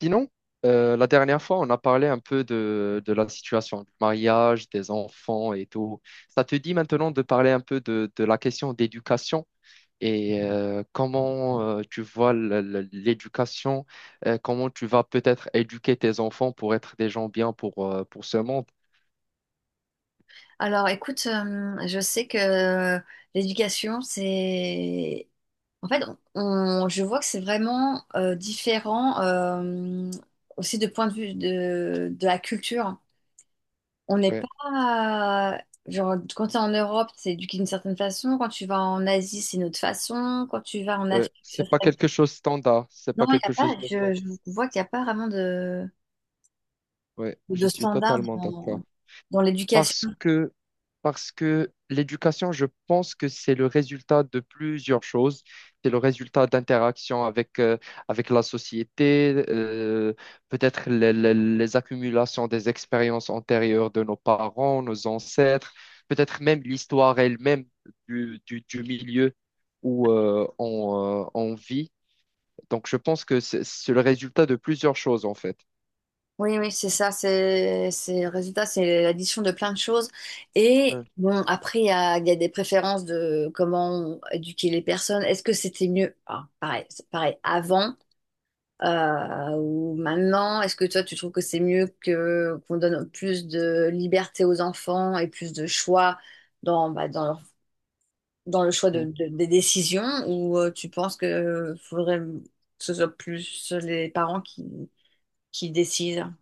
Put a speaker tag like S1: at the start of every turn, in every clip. S1: Sinon, la dernière fois, on a parlé un peu de la situation du mariage, des enfants et tout. Ça te dit maintenant de parler un peu de la question d'éducation et comment tu vois l'éducation, comment tu vas peut-être éduquer tes enfants pour être des gens bien pour ce monde.
S2: Alors, écoute, je sais que l'éducation, c'est... En fait, je vois que c'est vraiment différent aussi de point de vue de la culture. On n'est
S1: Ouais,
S2: pas... Genre, quand tu es en Europe, c'est éduqué d'une certaine façon. Quand tu vas en Asie, c'est une autre façon. Quand tu vas en
S1: ouais.
S2: Afrique, c'est...
S1: C'est pas quelque chose standard, c'est
S2: Non,
S1: pas
S2: il n'y
S1: quelque
S2: a
S1: chose
S2: pas...
S1: de
S2: Je,
S1: standard.
S2: je vois qu'il n'y a pas vraiment
S1: Ouais, je
S2: de
S1: suis
S2: standard
S1: totalement d'accord.
S2: dans
S1: parce
S2: l'éducation.
S1: que, parce que l'éducation, je pense que c'est le résultat de plusieurs choses. C'est le résultat d'interactions avec la société, peut-être les accumulations des expériences antérieures de nos parents, nos ancêtres, peut-être même l'histoire elle-même du milieu où on vit. Donc, je pense que c'est le résultat de plusieurs choses, en fait.
S2: Oui, oui, c'est ça, c'est le résultat, c'est l'addition de plein de choses. Et
S1: Ouais.
S2: bon, après, il y a des préférences de comment éduquer les personnes. Est-ce que c'était mieux, ah, pareil, c'est pareil, avant ou maintenant? Est-ce que toi, tu trouves que c'est mieux que qu'on donne plus de liberté aux enfants et plus de choix dans, bah, dans, leur- dans le choix des décisions? Ou tu penses que faudrait que ce soit plus les parents qui décident?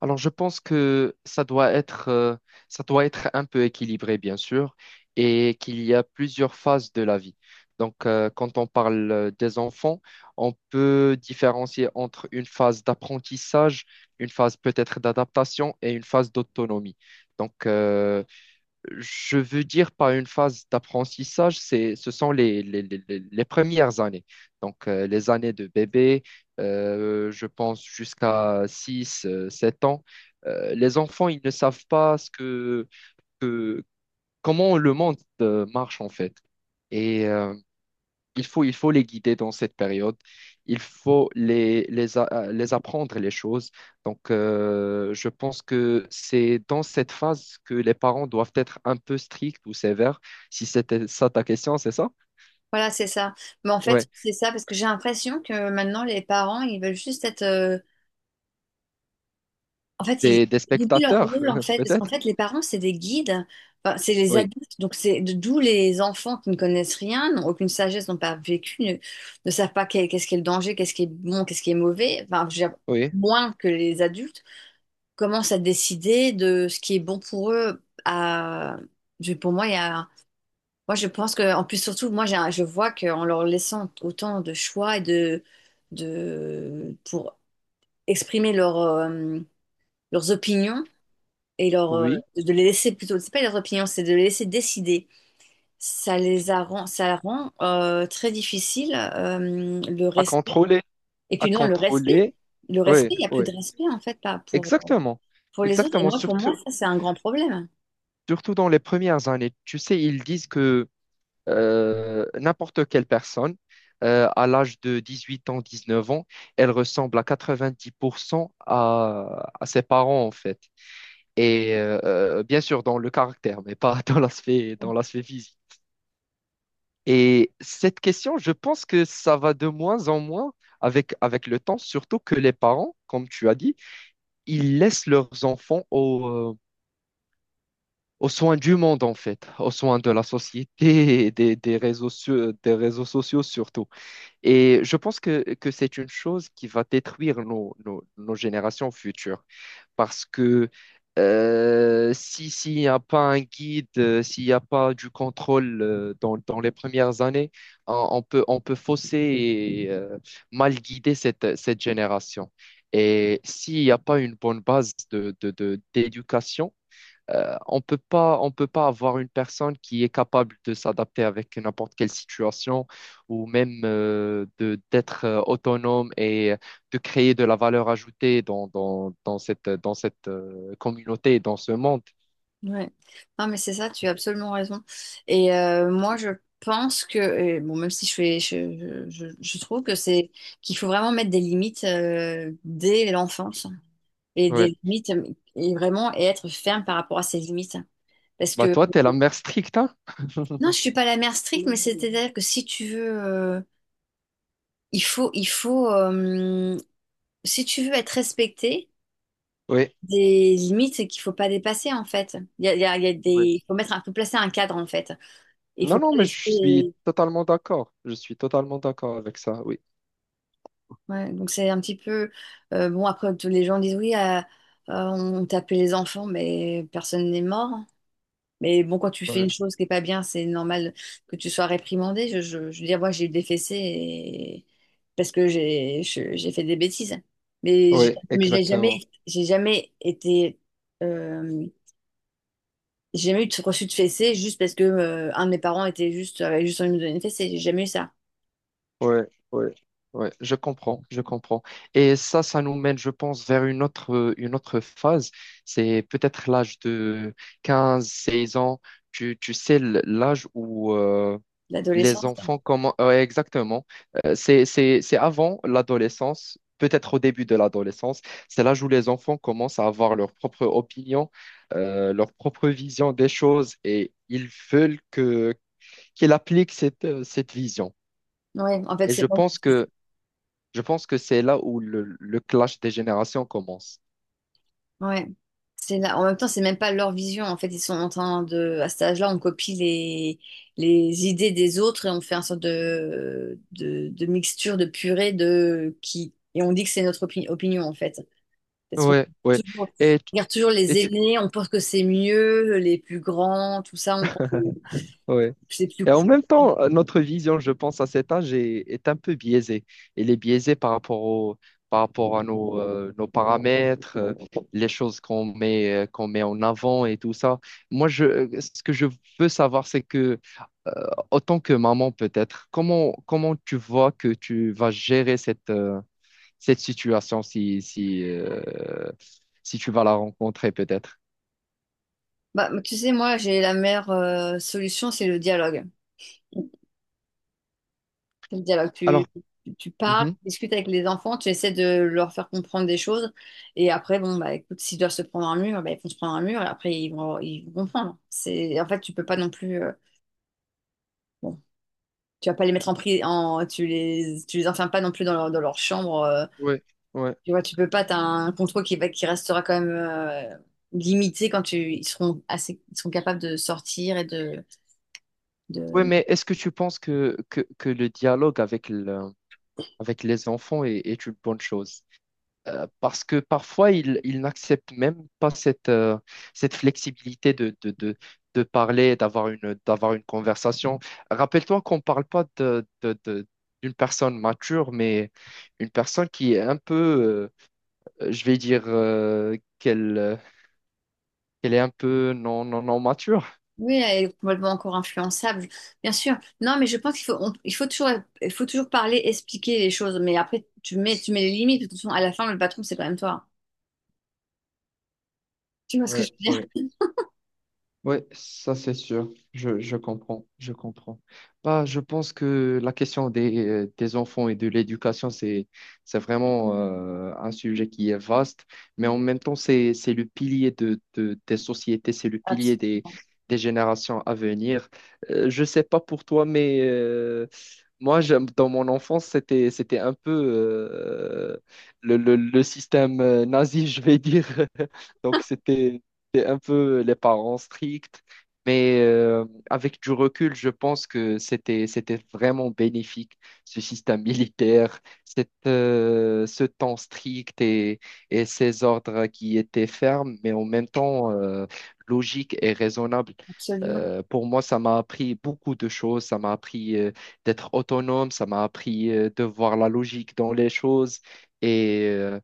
S1: Alors, je pense que ça doit être un peu équilibré, bien sûr, et qu'il y a plusieurs phases de la vie. Donc, quand on parle des enfants, on peut différencier entre une phase d'apprentissage, une phase peut-être d'adaptation et une phase d'autonomie. Donc, je veux dire par une phase d'apprentissage, c'est, ce sont les premières années. Donc, les années de bébé, je pense jusqu'à 6 7 ans. Les enfants, ils ne savent pas que- comment le monde marche en fait. Et il faut les guider dans cette période. Il faut les apprendre les choses. Donc, je pense que c'est dans cette phase que les parents doivent être un peu stricts ou sévères. Si c'était ça ta question, c'est ça?
S2: Voilà, c'est ça. Mais en fait,
S1: Ouais.
S2: c'est ça, parce que j'ai l'impression que maintenant, les parents, ils veulent juste être... En fait, ils
S1: Des
S2: oublient leur
S1: spectateurs,
S2: rôle, en fait, parce qu'en
S1: peut-être?
S2: fait, les parents, c'est des guides. Enfin, c'est les
S1: Oui,
S2: adultes, donc c'est d'où les enfants qui ne connaissent rien, n'ont aucune sagesse, n'ont pas vécu, ne savent pas qu'est-ce qu'est le danger, qu'est-ce qui est bon, qu'est-ce qui est mauvais, enfin, je veux dire,
S1: oui,
S2: moins que les adultes, commencent à décider de ce qui est bon pour eux. À... Pour moi, il y a... Moi, je pense que, en plus, surtout, moi, je vois qu'en leur laissant autant de choix et pour exprimer leur, leurs opinions et leur,
S1: oui.
S2: de les laisser plutôt, c'est pas leurs opinions, c'est de les laisser décider. Ça rend très difficile le
S1: À
S2: respect.
S1: contrôler,
S2: Et
S1: à
S2: puis non,
S1: contrôler.
S2: le respect,
S1: Oui,
S2: il n'y a plus
S1: oui,
S2: de respect en fait pas pour,
S1: exactement.
S2: pour les autres. Et
S1: Exactement.
S2: moi, pour moi,
S1: Surtout,
S2: ça, c'est un grand problème.
S1: surtout dans les premières années. Tu sais, ils disent que n'importe quelle personne, à l'âge de 18 ans, 19 ans, elle ressemble à 90% à ses parents, en fait. Et bien sûr, dans le caractère, mais pas dans l'aspect physique. Et cette question, je pense que ça va de moins en moins avec le temps, surtout que les parents, comme tu as dit, ils laissent leurs enfants aux soins du monde, en fait, aux soins de la société et des réseaux sociaux surtout. Et je pense que c'est une chose qui va détruire nos générations futures. Parce que si, s'il n'y a pas un guide, s'il n'y a pas du contrôle dans les premières années, on peut fausser et mal guider cette génération. Et s'il n'y a pas une bonne base d'éducation, on peut pas avoir une personne qui est capable de s'adapter avec n'importe quelle situation ou même de d'être autonome et de créer de la valeur ajoutée dans cette communauté, dans ce monde.
S2: Ouais. Non, mais c'est ça, tu as absolument raison. Et moi, je pense que, et bon, même si je fais, je trouve que c'est qu'il faut vraiment mettre des limites dès l'enfance et
S1: Oui.
S2: des limites et vraiment et être ferme par rapport à ces limites. Parce
S1: Bah
S2: que
S1: toi, t'es la mère stricte, hein?
S2: non, je suis pas la mère stricte, mais c'est-à-dire que si tu veux, il faut, si tu veux être respecté,
S1: Oui.
S2: des limites qu'il faut pas dépasser en fait. Il y a des,
S1: Oui.
S2: il faut mettre, faut placer un cadre en fait. Il
S1: Non,
S2: faut
S1: non,
S2: pas
S1: mais je suis
S2: laisser.
S1: totalement d'accord. Je suis totalement d'accord avec ça, oui.
S2: Ouais, donc c'est un petit peu bon après tous les gens disent oui on tapait les enfants mais personne n'est mort, hein. Mais bon quand tu fais
S1: Oui,
S2: une chose qui est pas bien c'est normal que tu sois réprimandé. Je veux dire moi j'ai eu des fessées parce que j'ai fait des bêtises.
S1: oui,
S2: Mais
S1: exactement.
S2: j'ai jamais été euh, j'ai jamais eu de reçu de fessée juste parce que un de mes parents était juste avait juste envie de me donner une fessée. J'ai jamais eu ça.
S1: Ouais, ouais, ouais, je comprends, je comprends. Et ça nous mène, je pense, vers une autre phase. C'est peut-être l'âge de 15, 16 ans. Tu sais, l'âge où les
S2: L'adolescence.
S1: enfants comment, ouais, exactement. C'est avant l'adolescence, peut-être au début de l'adolescence. C'est l'âge où les enfants commencent à avoir leur propre opinion, leur propre vision des choses et ils veulent qu'ils appliquent cette vision.
S2: Ouais en fait
S1: Et
S2: c'est
S1: je
S2: bon.
S1: pense que je pense que c'est là où le clash des générations commence.
S2: Ouais. C'est là. En même temps, c'est même pas leur vision. En fait, ils sont en train de. À cet âge-là, on copie les idées des autres et on fait un sorte de, mixture, de purée de qui. Et on dit que c'est notre opinion, en fait. Parce qu'on
S1: Ouais, ouais. Et, tu-
S2: on regarde toujours
S1: et,
S2: les
S1: tu-
S2: aînés, on pense que c'est mieux, les plus grands, tout ça, on pense que
S1: ouais.
S2: c'est plus
S1: Et en
S2: cool.
S1: même temps, notre vision, je pense, à cet âge est un peu biaisée. Elle est biaisée par rapport à nos paramètres, les choses qu'on met en avant et tout ça. Moi, ce que je veux savoir, c'est que, euh, autant que maman peut-être, comment tu vois que tu vas gérer cette situation si tu vas la rencontrer peut-être.
S2: Bah, tu sais, moi, j'ai la meilleure solution, c'est le dialogue. C'est le dialogue.
S1: Alors,
S2: Tu parles,
S1: mhm.
S2: tu discutes avec les enfants, tu essaies de leur faire comprendre des choses. Et après, bon, bah écoute, s'ils doivent se prendre un mur, bah, ils vont se prendre un mur et après, ils vont comprendre. C'est, en fait, tu peux pas non plus, bon, tu vas pas les mettre en prison, en, tu les enfermes pas non plus dans leur chambre.
S1: Ouais, ouais.
S2: Tu vois, tu peux pas, t'as un contrôle qui restera quand même limité quand tu, ils seront assez, ils seront capables de sortir et
S1: Oui,
S2: de,
S1: mais est-ce que tu penses que le dialogue avec les enfants est une bonne chose? Parce que parfois, ils n'acceptent même pas cette flexibilité de parler, d'avoir une conversation. Rappelle-toi qu'on ne parle pas d'une personne mature, mais une personne qui est un peu je vais dire qu'elle est un peu non, non, non mature.
S2: Oui, elle est complètement encore influençable, bien sûr. Non, mais je pense il faut toujours parler, expliquer les choses. Mais après, tu mets les limites. De toute façon, à la fin, le patron, c'est quand même toi. Tu vois ce que je
S1: Ouais,
S2: veux dire?
S1: ouais. Oui, ça c'est sûr. Je comprends. Bah, je pense que la question des enfants et de l'éducation, c'est vraiment un sujet qui est vaste, mais en même temps, c'est le pilier des sociétés, c'est le
S2: Abs-
S1: pilier des générations à venir. Je ne sais pas pour toi, mais moi, dans mon enfance, c'était un peu le système nazi, je vais dire. Donc, c'est un peu les parents stricts, mais avec du recul, je pense que c'était vraiment bénéfique, ce système militaire, ce temps strict et ces ordres qui étaient fermes, mais en même temps logiques et raisonnables.
S2: Absolument.
S1: Pour moi, ça m'a appris beaucoup de choses. Ça m'a appris d'être autonome, ça m'a appris de voir la logique dans les choses et euh,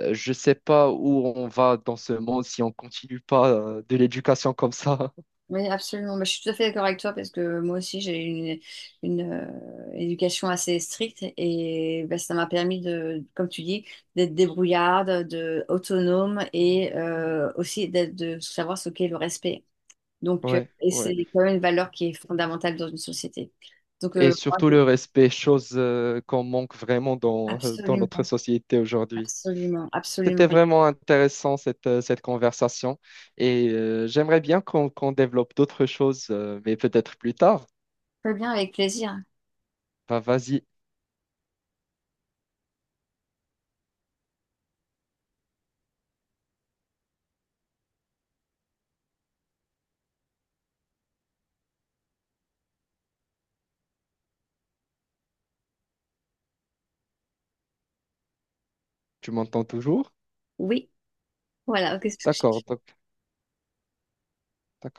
S1: euh, je sais pas où on va dans ce monde si on continue pas de l'éducation comme ça.
S2: Oui, absolument. Bah, je suis tout à fait d'accord avec toi parce que moi aussi, une éducation assez stricte et bah, ça m'a permis de, comme tu dis, d'être débrouillarde, de autonome et aussi d'être, de savoir ce qu'est le respect. Donc,
S1: Ouais,
S2: et
S1: ouais.
S2: c'est quand même une valeur qui est fondamentale dans une société. Donc,
S1: Et
S2: moi,
S1: surtout le respect, chose qu'on manque vraiment dans
S2: absolument,
S1: notre société aujourd'hui.
S2: absolument,
S1: C'était
S2: absolument.
S1: vraiment intéressant cette conversation et j'aimerais bien qu'on développe d'autres choses, mais peut-être plus tard.
S2: Très bien, avec plaisir.
S1: Bah, vas-y, tu m'entends toujours?
S2: Oui, voilà. Qu'est-ce que je-
S1: D'accord, donc, d'accord.